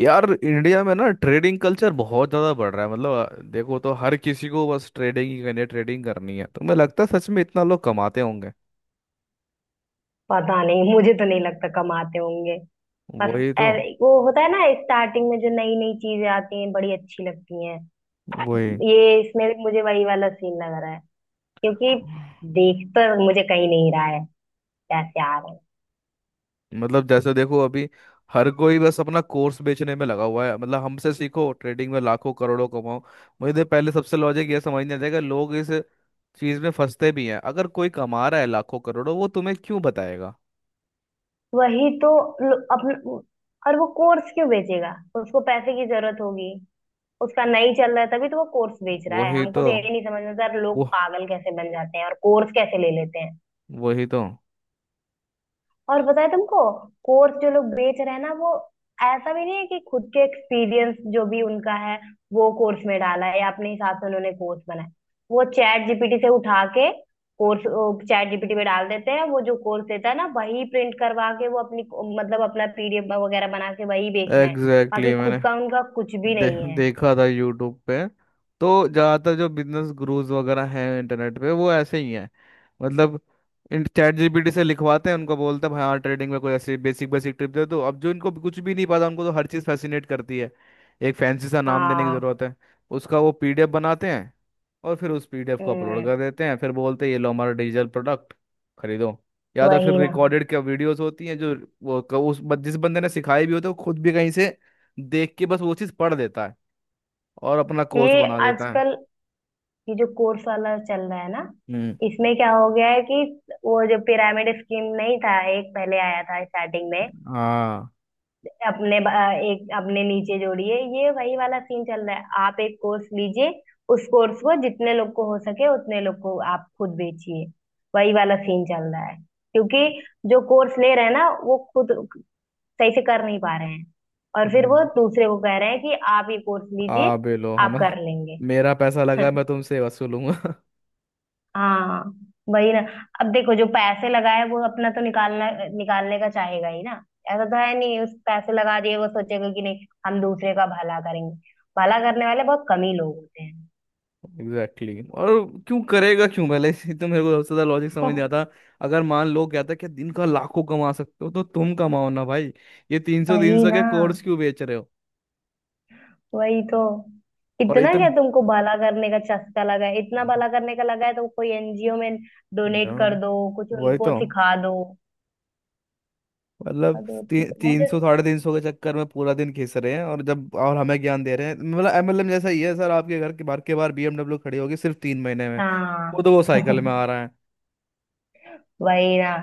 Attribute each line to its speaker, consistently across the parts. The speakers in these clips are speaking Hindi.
Speaker 1: यार इंडिया में ना ट्रेडिंग कल्चर बहुत ज़्यादा बढ़ रहा है। मतलब देखो, तो हर किसी को बस ट्रेडिंग ही करनी है। ट्रेडिंग करनी है तो मुझे लगता है सच में इतना लोग कमाते होंगे।
Speaker 2: पता नहीं, मुझे तो नहीं लगता कमाते होंगे। बस।
Speaker 1: वही तो।
Speaker 2: वो होता है ना, स्टार्टिंग में जो नई नई चीजें आती हैं बड़ी अच्छी लगती हैं।
Speaker 1: वही।
Speaker 2: ये इसमें भी मुझे वही वाला सीन लग रहा है, क्योंकि देख तो मुझे कहीं नहीं रहा है, पैसे आ रहे हैं।
Speaker 1: मतलब जैसे देखो अभी हर कोई बस अपना कोर्स बेचने में लगा हुआ है। मतलब हमसे सीखो ट्रेडिंग में लाखों करोड़ों कमाओ। मुझे तो पहले सबसे लॉजिक ये समझ नहीं आता कि लोग इस चीज़ में फंसते भी हैं। अगर कोई कमा रहा है लाखों करोड़ों वो तुम्हें क्यों बताएगा।
Speaker 2: वही तो। अपना, और वो कोर्स क्यों बेचेगा? उसको पैसे की जरूरत होगी। उसका नहीं चल रहा है तभी तो वो कोर्स बेच रहा है।
Speaker 1: वही
Speaker 2: हमको
Speaker 1: तो।
Speaker 2: तो ये नहीं समझ में आता यार,
Speaker 1: वो।
Speaker 2: लोग पागल कैसे बन जाते हैं और कोर्स कैसे ले लेते हैं।
Speaker 1: वही तो।
Speaker 2: और बताए तुमको, कोर्स जो लोग बेच रहे हैं ना, वो ऐसा भी नहीं है कि खुद के एक्सपीरियंस जो भी उनका है वो कोर्स में डाला है या अपने हिसाब से उन्होंने कोर्स बनाया। वो चैट जीपीटी से उठा के कोर्स चैट जीपीटी में डाल देते हैं। वो जो कोर्स देता है ना, वही प्रिंट करवा के वो अपनी, मतलब अपना पीडीएफ वगैरह बना के वही बेच रहे हैं।
Speaker 1: एग्जैक्टली
Speaker 2: बाकी
Speaker 1: exactly।
Speaker 2: खुद का उनका कुछ भी नहीं है।
Speaker 1: देखा था यूट्यूब पे। तो ज़्यादातर जो बिजनेस गुरुज वगैरह हैं इंटरनेट पे वो ऐसे ही हैं। मतलब चैट जीपीटी से लिखवाते हैं उनको, बोलते हैं भाई हाँ ट्रेडिंग में कोई ऐसी बेसिक बेसिक टिप दे। तो अब जो इनको कुछ भी नहीं पता उनको तो हर चीज़ फैसिनेट करती है। एक फैंसी सा नाम देने की
Speaker 2: हाँ।
Speaker 1: ज़रूरत है। उसका वो पीडीएफ बनाते हैं और फिर उस पीडीएफ को अपलोड
Speaker 2: हम्म।
Speaker 1: कर देते हैं। फिर बोलते हैं ये लो हमारा डिजिटल प्रोडक्ट, खरीदो। या तो फिर
Speaker 2: वही ना।
Speaker 1: रिकॉर्डेड क्या वीडियोस होती हैं जो वो क- उस बन- जिस बंदे ने सिखाई भी होती है वो खुद भी कहीं से देख के बस वो चीज़ पढ़ देता है और अपना कोर्स
Speaker 2: ये
Speaker 1: बना देता है।
Speaker 2: आजकल ये जो कोर्स वाला चल रहा है ना,
Speaker 1: हम्म।
Speaker 2: इसमें क्या हो गया है कि वो जो पिरामिड स्कीम नहीं था, एक पहले आया था स्टार्टिंग में,
Speaker 1: हाँ।
Speaker 2: अपने ब- एक अपने नीचे जोड़िए, ये वही वाला सीन चल रहा है। आप एक कोर्स लीजिए, उस कोर्स को जितने लोग को हो सके उतने लोग को आप खुद बेचिए। वही वाला सीन चल रहा है, क्योंकि जो कोर्स ले रहे हैं ना वो खुद सही से कर नहीं पा रहे हैं, और फिर वो
Speaker 1: हम्म।
Speaker 2: दूसरे को कह रहे हैं कि आप ये कोर्स
Speaker 1: आ
Speaker 2: लीजिए,
Speaker 1: बेलो
Speaker 2: आप
Speaker 1: हमला।
Speaker 2: कर लेंगे।
Speaker 1: मेरा पैसा लगा मैं तुमसे वसूलूंगा।
Speaker 2: हाँ। वही ना। अब देखो, जो पैसे लगाए वो अपना तो निकालना निकालने का चाहेगा ही ना। ऐसा तो है नहीं उस पैसे लगा दिए वो सोचेगा कि नहीं, हम दूसरे का भला करेंगे। भला करने वाले बहुत कम ही लोग होते हैं।
Speaker 1: Exactly exactly। और क्यों करेगा, क्यों? पहले इसी तो मेरे को सबसे ज्यादा लॉजिक समझ नहीं
Speaker 2: हो।
Speaker 1: आता। अगर मान लो क्या था कि दिन का लाखों कमा सकते हो तो तुम कमाओ ना भाई। ये तीन सौ तीन
Speaker 2: वही
Speaker 1: सौ के
Speaker 2: ना।
Speaker 1: कोर्स क्यों बेच रहे हो?
Speaker 2: वही तो।
Speaker 1: और
Speaker 2: इतना क्या
Speaker 1: इतने
Speaker 2: तुमको भला करने का चस्का लगा है? इतना भला करने का लगा है तो कोई एनजीओ में डोनेट कर
Speaker 1: दाम,
Speaker 2: दो, कुछ
Speaker 1: वही
Speaker 2: उनको
Speaker 1: तो।
Speaker 2: सिखा दो।
Speaker 1: मतलब
Speaker 2: हद होती
Speaker 1: ती,
Speaker 2: है
Speaker 1: तीन
Speaker 2: मुझे।
Speaker 1: सौ साढ़े तीन सौ के चक्कर में पूरा दिन घिस रहे हैं और जब और हमें ज्ञान दे रहे हैं। मतलब एमएलएम जैसा ही है। सर आपके घर के बाहर बीएमडब्ल्यू खड़ी होगी सिर्फ 3 महीने में।
Speaker 2: हाँ।
Speaker 1: खुद वो साइकिल में आ रहा है।
Speaker 2: वही ना।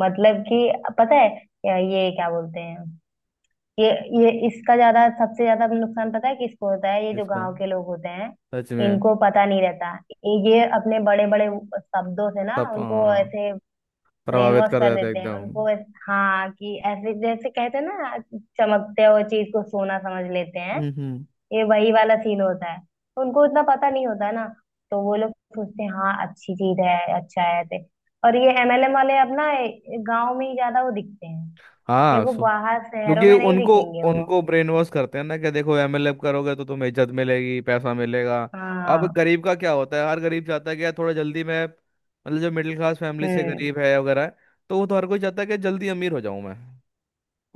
Speaker 2: मतलब कि पता है ये क्या बोलते हैं, ये ये इसका ज्यादा सबसे ज्यादा नुकसान पता है किसको होता है? ये जो
Speaker 1: इसको
Speaker 2: गांव के लोग होते हैं,
Speaker 1: सच में
Speaker 2: इनको पता नहीं रहता। ये अपने बड़े बड़े शब्दों से ना
Speaker 1: सब
Speaker 2: उनको
Speaker 1: हाँ,
Speaker 2: ऐसे ब्रेन
Speaker 1: प्रभावित
Speaker 2: वॉश
Speaker 1: कर
Speaker 2: कर
Speaker 1: देते हैं
Speaker 2: देते हैं
Speaker 1: एकदम।
Speaker 2: उनको हाँ, कि ऐसे जैसे कहते हैं ना, चमकते हुए चीज को सोना समझ लेते हैं।
Speaker 1: हम्म।
Speaker 2: ये वही वाला सीन होता है। उनको इतना पता नहीं होता ना, तो वो लोग सोचते हैं हाँ अच्छी चीज है, अच्छा है ऐसे। और ये एमएलएम वाले अब ना गाँव में ही ज्यादा वो दिखते हैं।
Speaker 1: हाँ
Speaker 2: देखो,
Speaker 1: सो
Speaker 2: बाहर शहरों
Speaker 1: क्योंकि
Speaker 2: में नहीं
Speaker 1: उनको
Speaker 2: दिखेंगे वो।
Speaker 1: उनको ब्रेन वॉश करते हैं ना कि देखो एमएलए करोगे तो तुम्हें इज्जत मिलेगी पैसा मिलेगा। अब
Speaker 2: हाँ।
Speaker 1: गरीब का क्या होता है? हर गरीब चाहता है कि यार थोड़ा जल्दी मैं, मतलब जो मिडिल क्लास फैमिली से
Speaker 2: हम्म।
Speaker 1: गरीब है वगैरह, तो वो तो हर कोई चाहता है कि जल्दी अमीर हो जाऊं मैं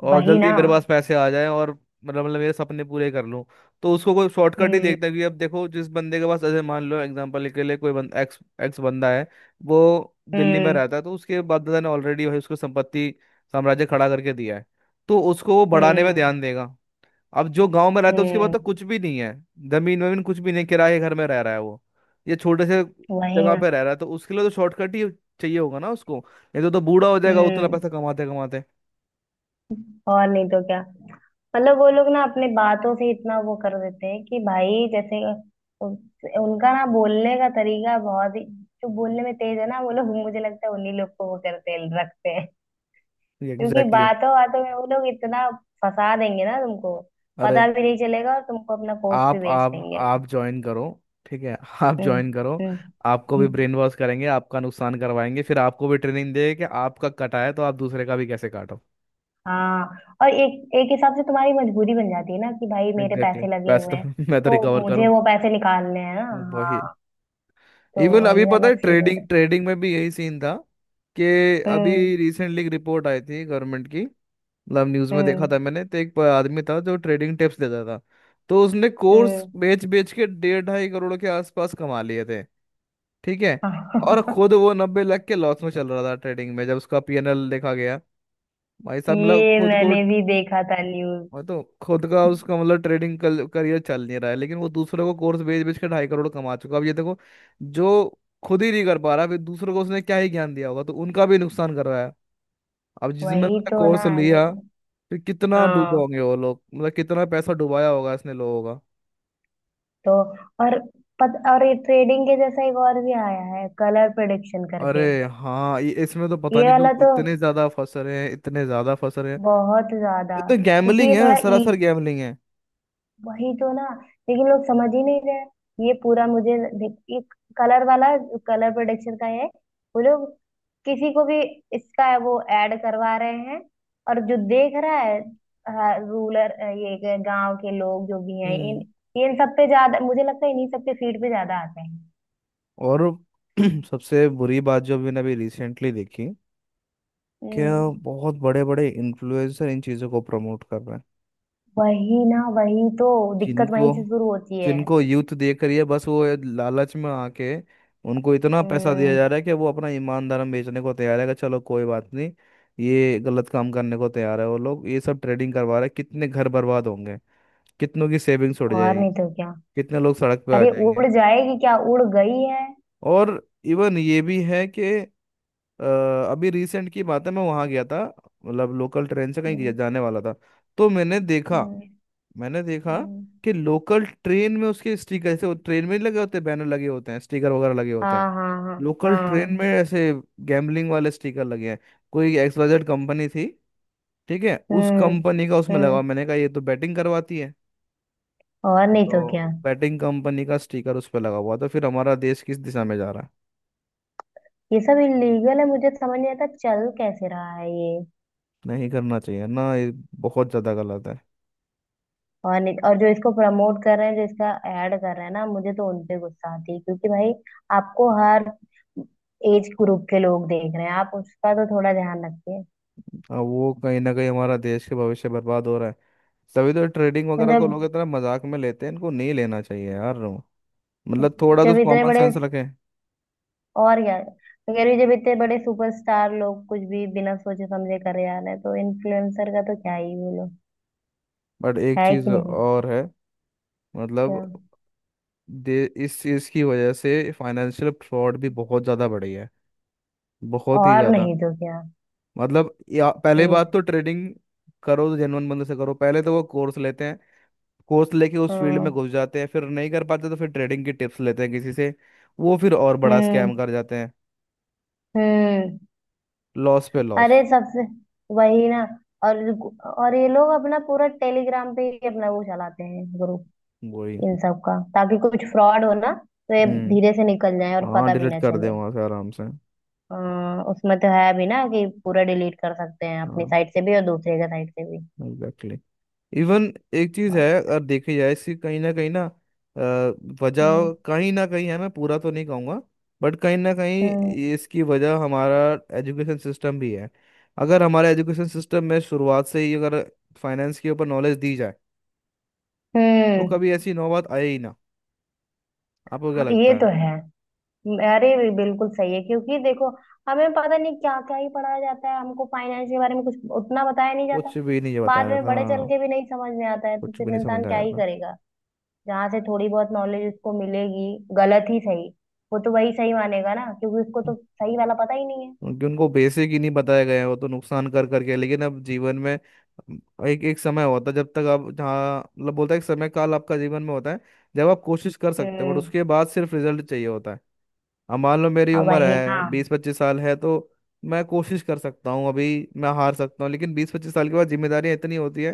Speaker 1: और
Speaker 2: वही
Speaker 1: जल्दी
Speaker 2: ना।
Speaker 1: मेरे पास पैसे आ जाएं, और मतलब मेरे सपने पूरे कर लूं। तो उसको कोई शॉर्टकट ही
Speaker 2: हम्म।
Speaker 1: देखता है क्योंकि अब देखो जिस बंदे के पास, जैसे मान लो एग्जांपल के लिए, कोई बंदा एक्स एक्स बंदा है वो दिल्ली में
Speaker 2: हम्म।
Speaker 1: रहता है तो उसके बापदादा ने ऑलरेडी भाई उसको संपत्ति साम्राज्य खड़ा करके दिया है। तो उसको वो बढ़ाने में
Speaker 2: हम्म।
Speaker 1: ध्यान देगा। अब जो गांव में रहता है उसके पास
Speaker 2: हम्म।
Speaker 1: तो कुछ भी नहीं है। जमीन वमीन कुछ भी नहीं, किराए के घर में रह रहा है वो। ये छोटे से
Speaker 2: वही
Speaker 1: जगह
Speaker 2: ना।
Speaker 1: पे रह रहा है तो उसके लिए तो शॉर्टकट ही चाहिए होगा ना उसको, नहीं तो बूढ़ा हो जाएगा उतना
Speaker 2: हम्म।
Speaker 1: पैसा कमाते कमाते।
Speaker 2: और नहीं तो क्या। मतलब वो लोग ना अपने बातों से इतना वो कर देते हैं कि भाई जैसे उ- उनका ना बोलने का तरीका बहुत ही, जो बोलने में तेज है ना वो लोग मुझे लगता है उन्हीं लोग को वो करते हैं रखते हैं। क्योंकि
Speaker 1: एग्जैक्टली exactly।
Speaker 2: बातों बातों में वो लोग इतना फंसा देंगे ना तुमको,
Speaker 1: अरे
Speaker 2: पता भी नहीं चलेगा और तुमको अपना कोर्स भी
Speaker 1: आप
Speaker 2: बेच
Speaker 1: आप
Speaker 2: देंगे।
Speaker 1: आप ज्वाइन करो, ठीक है आप
Speaker 2: हम्म।
Speaker 1: ज्वाइन करो।
Speaker 2: हम्म।
Speaker 1: आपको भी
Speaker 2: हम्म।
Speaker 1: ब्रेन वॉश करेंगे, आपका नुकसान करवाएंगे, फिर आपको भी ट्रेनिंग देंगे कि आपका कटा है तो आप दूसरे का भी कैसे काटो।
Speaker 2: हाँ। और एक एक हिसाब से तुम्हारी मजबूरी बन जाती है ना कि भाई मेरे
Speaker 1: एग्जैक्टली
Speaker 2: पैसे
Speaker 1: exactly।
Speaker 2: लगे
Speaker 1: पैसे
Speaker 2: हुए हैं,
Speaker 1: तो मैं तो
Speaker 2: तो
Speaker 1: रिकवर
Speaker 2: मुझे
Speaker 1: करूं।
Speaker 2: वो पैसे निकालने हैं ना।
Speaker 1: वही।
Speaker 2: हाँ, तो
Speaker 1: इवन अभी
Speaker 2: वही
Speaker 1: पता
Speaker 2: वाला
Speaker 1: है
Speaker 2: सीन हो रहा
Speaker 1: ट्रेडिंग
Speaker 2: है।
Speaker 1: ट्रेडिंग में भी यही सीन था, कि अभी
Speaker 2: हम्म।
Speaker 1: रिसेंटली एक रिपोर्ट आई थी गवर्नमेंट की। मतलब न्यूज़ में देखा
Speaker 2: हम्म।
Speaker 1: था मैंने। तो एक आदमी था जो ट्रेडिंग टिप्स देता था। तो उसने कोर्स
Speaker 2: हम्म।
Speaker 1: बेच बेच के 1.5 2.5 करोड़ के आसपास कमा लिए थे, ठीक है। और खुद वो 90 लाख के लॉस में चल रहा था ट्रेडिंग में जब उसका पीएनएल देखा गया। भाई साहब, मतलब
Speaker 2: ये
Speaker 1: खुद को,
Speaker 2: मैंने भी देखा था न्यूज।
Speaker 1: मैं तो खुद का उसका मतलब ट्रेडिंग करियर चल नहीं रहा है लेकिन वो दूसरों को कोर्स बेच बेच के 2.5 करोड़ कमा चुका है। अब ये देखो, जो खुद ही नहीं कर पा रहा फिर दूसरों को उसने क्या ही ज्ञान दिया होगा, तो उनका भी नुकसान कर रहा है। अब जिसमें
Speaker 2: वही तो ना।
Speaker 1: कोर्स लिया
Speaker 2: लेकिन
Speaker 1: फिर कितना डूबा
Speaker 2: हाँ।
Speaker 1: होंगे वो लोग, मतलब कितना पैसा डुबाया होगा इसने लोगों का।
Speaker 2: तो और और ये ट्रेडिंग के जैसा एक और भी आया है कलर प्रेडिक्शन
Speaker 1: अरे
Speaker 2: करके।
Speaker 1: हाँ, ये इसमें तो पता
Speaker 2: ये
Speaker 1: नहीं
Speaker 2: वाला
Speaker 1: लोग
Speaker 2: तो
Speaker 1: इतने ज्यादा फंस रहे हैं, इतने ज्यादा फंस रहे हैं।
Speaker 2: बहुत ज्यादा,
Speaker 1: ये तो
Speaker 2: क्योंकि
Speaker 1: गैम्बलिंग
Speaker 2: ये
Speaker 1: है,
Speaker 2: थोड़ा
Speaker 1: सरासर गैम्बलिंग है।
Speaker 2: वही तो ना। लेकिन लोग समझ ही नहीं रहे, ये पूरा मुझे कलर वाला कलर प्रोडक्शन का है। वो लोग किसी को भी इसका वो ऐड करवा रहे हैं, और जो देख रहा है, रूलर ये गांव के लोग जो भी हैं, इन
Speaker 1: हम्म।
Speaker 2: इन सब पे ज्यादा मुझे लगता है इन्हीं सब पे फीड पे ज्यादा आते हैं।
Speaker 1: और सबसे बुरी बात जो मैंने अभी रिसेंटली देखी कि
Speaker 2: हम्म।
Speaker 1: बहुत बड़े बड़े इन्फ्लुएंसर इन चीज़ों को प्रमोट कर रहे हैं।
Speaker 2: वही ना। वही तो, दिक्कत वहीं
Speaker 1: जिनको
Speaker 2: से शुरू होती है।
Speaker 1: जिनको यूथ देख रही है बस, वो ये लालच में आके, उनको इतना पैसा दिया
Speaker 2: हम्म।
Speaker 1: जा रहा है कि वो अपना ईमान धर्म बेचने को तैयार है। कि चलो कोई बात नहीं, ये गलत काम करने को तैयार है। वो लोग ये सब ट्रेडिंग करवा रहे हैं, कितने घर बर्बाद होंगे, कितनों की सेविंग्स उड़
Speaker 2: और
Speaker 1: जाएगी,
Speaker 2: नहीं तो क्या।
Speaker 1: कितने लोग सड़क पे आ
Speaker 2: अरे
Speaker 1: जाएंगे।
Speaker 2: उड़ जाएगी क्या, उड़ गई है।
Speaker 1: और इवन ये भी है कि अ, अभी रिसेंट की बात है, मैं वहाँ गया था, मतलब लोकल ट्रेन से कहीं
Speaker 2: हम्म।
Speaker 1: जाने वाला था। तो मैंने देखा
Speaker 2: हम्म।
Speaker 1: मैंने देखा
Speaker 2: हम्म।
Speaker 1: कि लोकल ट्रेन में उसके स्टिकर, ऐसे ट्रेन में नहीं लगे होते बैनर लगे होते हैं, स्टिकर वगैरह लगे होते
Speaker 2: हाँ
Speaker 1: हैं।
Speaker 2: हाँ हाँ।
Speaker 1: लोकल ट्रेन
Speaker 2: हाँ।
Speaker 1: में ऐसे गैम्बलिंग वाले स्टिकर लगे हैं। कोई एक्सवाइजेड कंपनी थी, ठीक है, उस
Speaker 2: हम्म।
Speaker 1: कंपनी का उसमें लगा
Speaker 2: हम्म।
Speaker 1: हुआ। मैंने कहा ये तो बैटिंग करवाती है।
Speaker 2: और
Speaker 1: वो
Speaker 2: नहीं तो क्या,
Speaker 1: तो बैटिंग कंपनी का स्टिकर उस पर लगा हुआ, तो फिर हमारा देश किस दिशा में जा रहा है।
Speaker 2: ये सब इलीगल है, मुझे समझ नहीं आता चल कैसे रहा है ये।
Speaker 1: नहीं करना चाहिए ना ये, बहुत ज्यादा गलत है।
Speaker 2: और नहीं, और जो इसको प्रमोट कर रहे हैं, जो इसका ऐड कर रहे हैं ना, मुझे तो उनपे गुस्सा आती है, क्योंकि भाई आपको हर एज ग्रुप के लोग देख रहे हैं, आप उसका तो थोड़ा ध्यान रखिए।
Speaker 1: अब वो कहीं ना कहीं हमारा देश के भविष्य बर्बाद हो रहा है। तभी तो ट्रेडिंग वगैरह को
Speaker 2: मतलब
Speaker 1: लोग इतना मजाक में लेते हैं, इनको नहीं लेना चाहिए यार। मतलब थोड़ा तो
Speaker 2: जब इतने
Speaker 1: कॉमन
Speaker 2: बड़े,
Speaker 1: सेंस रखें।
Speaker 2: और क्या, मैं कह रही हूँ, जब इतने बड़े सुपरस्टार लोग कुछ भी बिना सोचे समझे करे जा रहे हैं तो इन्फ्लुएंसर का तो क्या ही बोलो।
Speaker 1: बट एक
Speaker 2: है
Speaker 1: चीज
Speaker 2: कि नहीं?
Speaker 1: और है, मतलब
Speaker 2: क्या।
Speaker 1: दे इस चीज की वजह से फाइनेंशियल फ्रॉड भी बहुत ज्यादा बढ़ी है, बहुत ही
Speaker 2: और
Speaker 1: ज्यादा।
Speaker 2: नहीं तो क्या।
Speaker 1: मतलब या पहले
Speaker 2: ये।
Speaker 1: बात तो ट्रेडिंग करो तो जेनुअन बंदे से करो। पहले तो वो कोर्स लेते हैं, कोर्स लेके उस फील्ड में
Speaker 2: हम्म।
Speaker 1: घुस जाते हैं, फिर नहीं कर पाते तो फिर ट्रेडिंग की टिप्स लेते हैं किसी से। वो फिर और बड़ा
Speaker 2: हम्म।
Speaker 1: स्कैम कर जाते हैं,
Speaker 2: हम्म।
Speaker 1: लॉस पे लॉस।
Speaker 2: अरे सबसे वही ना। और और ये लोग अपना पूरा टेलीग्राम पे ही अपना वो चलाते हैं ग्रुप,
Speaker 1: वही।
Speaker 2: इन सब का, ताकि कुछ फ्रॉड हो ना तो ये धीरे
Speaker 1: हम्म।
Speaker 2: से निकल जाए और
Speaker 1: हाँ,
Speaker 2: पता भी
Speaker 1: डिलीट
Speaker 2: ना
Speaker 1: कर दे
Speaker 2: चले।
Speaker 1: वहां से आराम से।
Speaker 2: अ, उसमें तो है भी ना कि पूरा डिलीट कर सकते हैं अपनी
Speaker 1: हाँ
Speaker 2: साइड से भी और दूसरे का साइड से भी।
Speaker 1: एग्जैक्टली। इवन एक चीज
Speaker 2: और
Speaker 1: है,
Speaker 2: सब।
Speaker 1: अगर देखी जाए इसकी कहीं ना कहीं ना, अ,
Speaker 2: हम्म।
Speaker 1: वजह कहीं ना कहीं है, मैं पूरा तो नहीं कहूंगा बट कहीं ना कहीं
Speaker 2: हम्म।
Speaker 1: इसकी वजह हमारा एजुकेशन सिस्टम भी है। अगर हमारे एजुकेशन सिस्टम में शुरुआत से ही अगर फाइनेंस के ऊपर नॉलेज दी जाए तो
Speaker 2: हम्म।
Speaker 1: कभी ऐसी नौबत आए ही ना। आपको क्या
Speaker 2: हाँ, ये
Speaker 1: लगता
Speaker 2: तो
Speaker 1: है?
Speaker 2: है। अरे भी बिल्कुल सही है, क्योंकि देखो हमें पता नहीं क्या क्या ही पढ़ाया जाता है, हमको फाइनेंस के बारे में कुछ उतना बताया नहीं जाता।
Speaker 1: कुछ भी नहीं ये
Speaker 2: बाद
Speaker 1: बताया
Speaker 2: में बड़े चल
Speaker 1: जाता,
Speaker 2: के भी नहीं समझ में आता है तो
Speaker 1: कुछ भी
Speaker 2: फिर
Speaker 1: नहीं
Speaker 2: इंसान
Speaker 1: समझाया
Speaker 2: क्या ही
Speaker 1: जाता
Speaker 2: करेगा? जहाँ से थोड़ी बहुत नॉलेज उसको मिलेगी, गलत ही सही, वो तो वही सही मानेगा ना, क्योंकि उसको तो सही वाला पता ही नहीं है।
Speaker 1: क्योंकि उनको बेसिक ही नहीं बताया गया है, वो तो नुकसान कर करके, लेकिन अब जीवन में एक एक समय होता है जब तक आप जहाँ मतलब बोलता है एक समय काल आपका जीवन में होता है जब आप कोशिश कर सकते हो। बट
Speaker 2: हम्म।
Speaker 1: उसके बाद सिर्फ रिजल्ट चाहिए होता है। अब मान लो मेरी
Speaker 2: और
Speaker 1: उम्र
Speaker 2: वही
Speaker 1: है
Speaker 2: हाँ।
Speaker 1: 20-25 साल है, तो मैं कोशिश कर सकता हूँ अभी, मैं हार सकता हूँ, लेकिन 20-25 साल के बाद जिम्मेदारियाँ इतनी होती है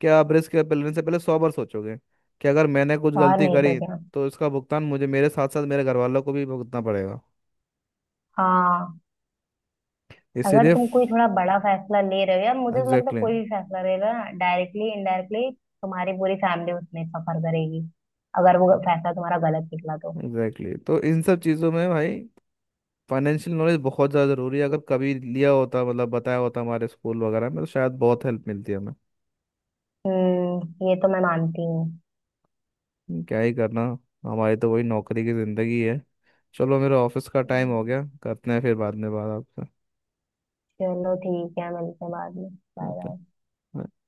Speaker 1: कि आप रिस्क लेने से पहले 100 बार सोचोगे कि अगर मैंने कुछ
Speaker 2: और
Speaker 1: गलती
Speaker 2: नहीं तो
Speaker 1: करी
Speaker 2: क्या।
Speaker 1: तो इसका भुगतान मुझे मेरे साथ साथ मेरे घर वालों को भी भुगतना पड़ेगा।
Speaker 2: हाँ। अगर
Speaker 1: इसीलिए
Speaker 2: तुम कोई थोड़ा बड़ा फैसला ले रहे हो, या मुझे तो लगता है
Speaker 1: एग्जैक्टली
Speaker 2: कोई भी फैसला लेगा डायरेक्टली इनडायरेक्टली, तुम्हारी पूरी फैमिली उसमें सफर करेगी अगर वो फैसला तुम्हारा गलत निकला तो।
Speaker 1: Exactly exactly। तो इन सब चीज़ों में भाई फाइनेंशियल नॉलेज बहुत ज़्यादा ज़रूरी है। अगर कभी लिया होता मतलब बताया होता हमारे स्कूल वगैरह में तो शायद बहुत हेल्प मिलती है हमें।
Speaker 2: हम्म। ये तो मैं मानती हूँ।
Speaker 1: क्या ही करना। हमारी तो वही नौकरी की ज़िंदगी है। चलो मेरा ऑफिस का टाइम हो
Speaker 2: हम्म,
Speaker 1: गया, करते हैं फिर बाद में बात आपसे।
Speaker 2: चलो ठीक है, मिलते हैं बाद में। Bye
Speaker 1: okay.
Speaker 2: बाय।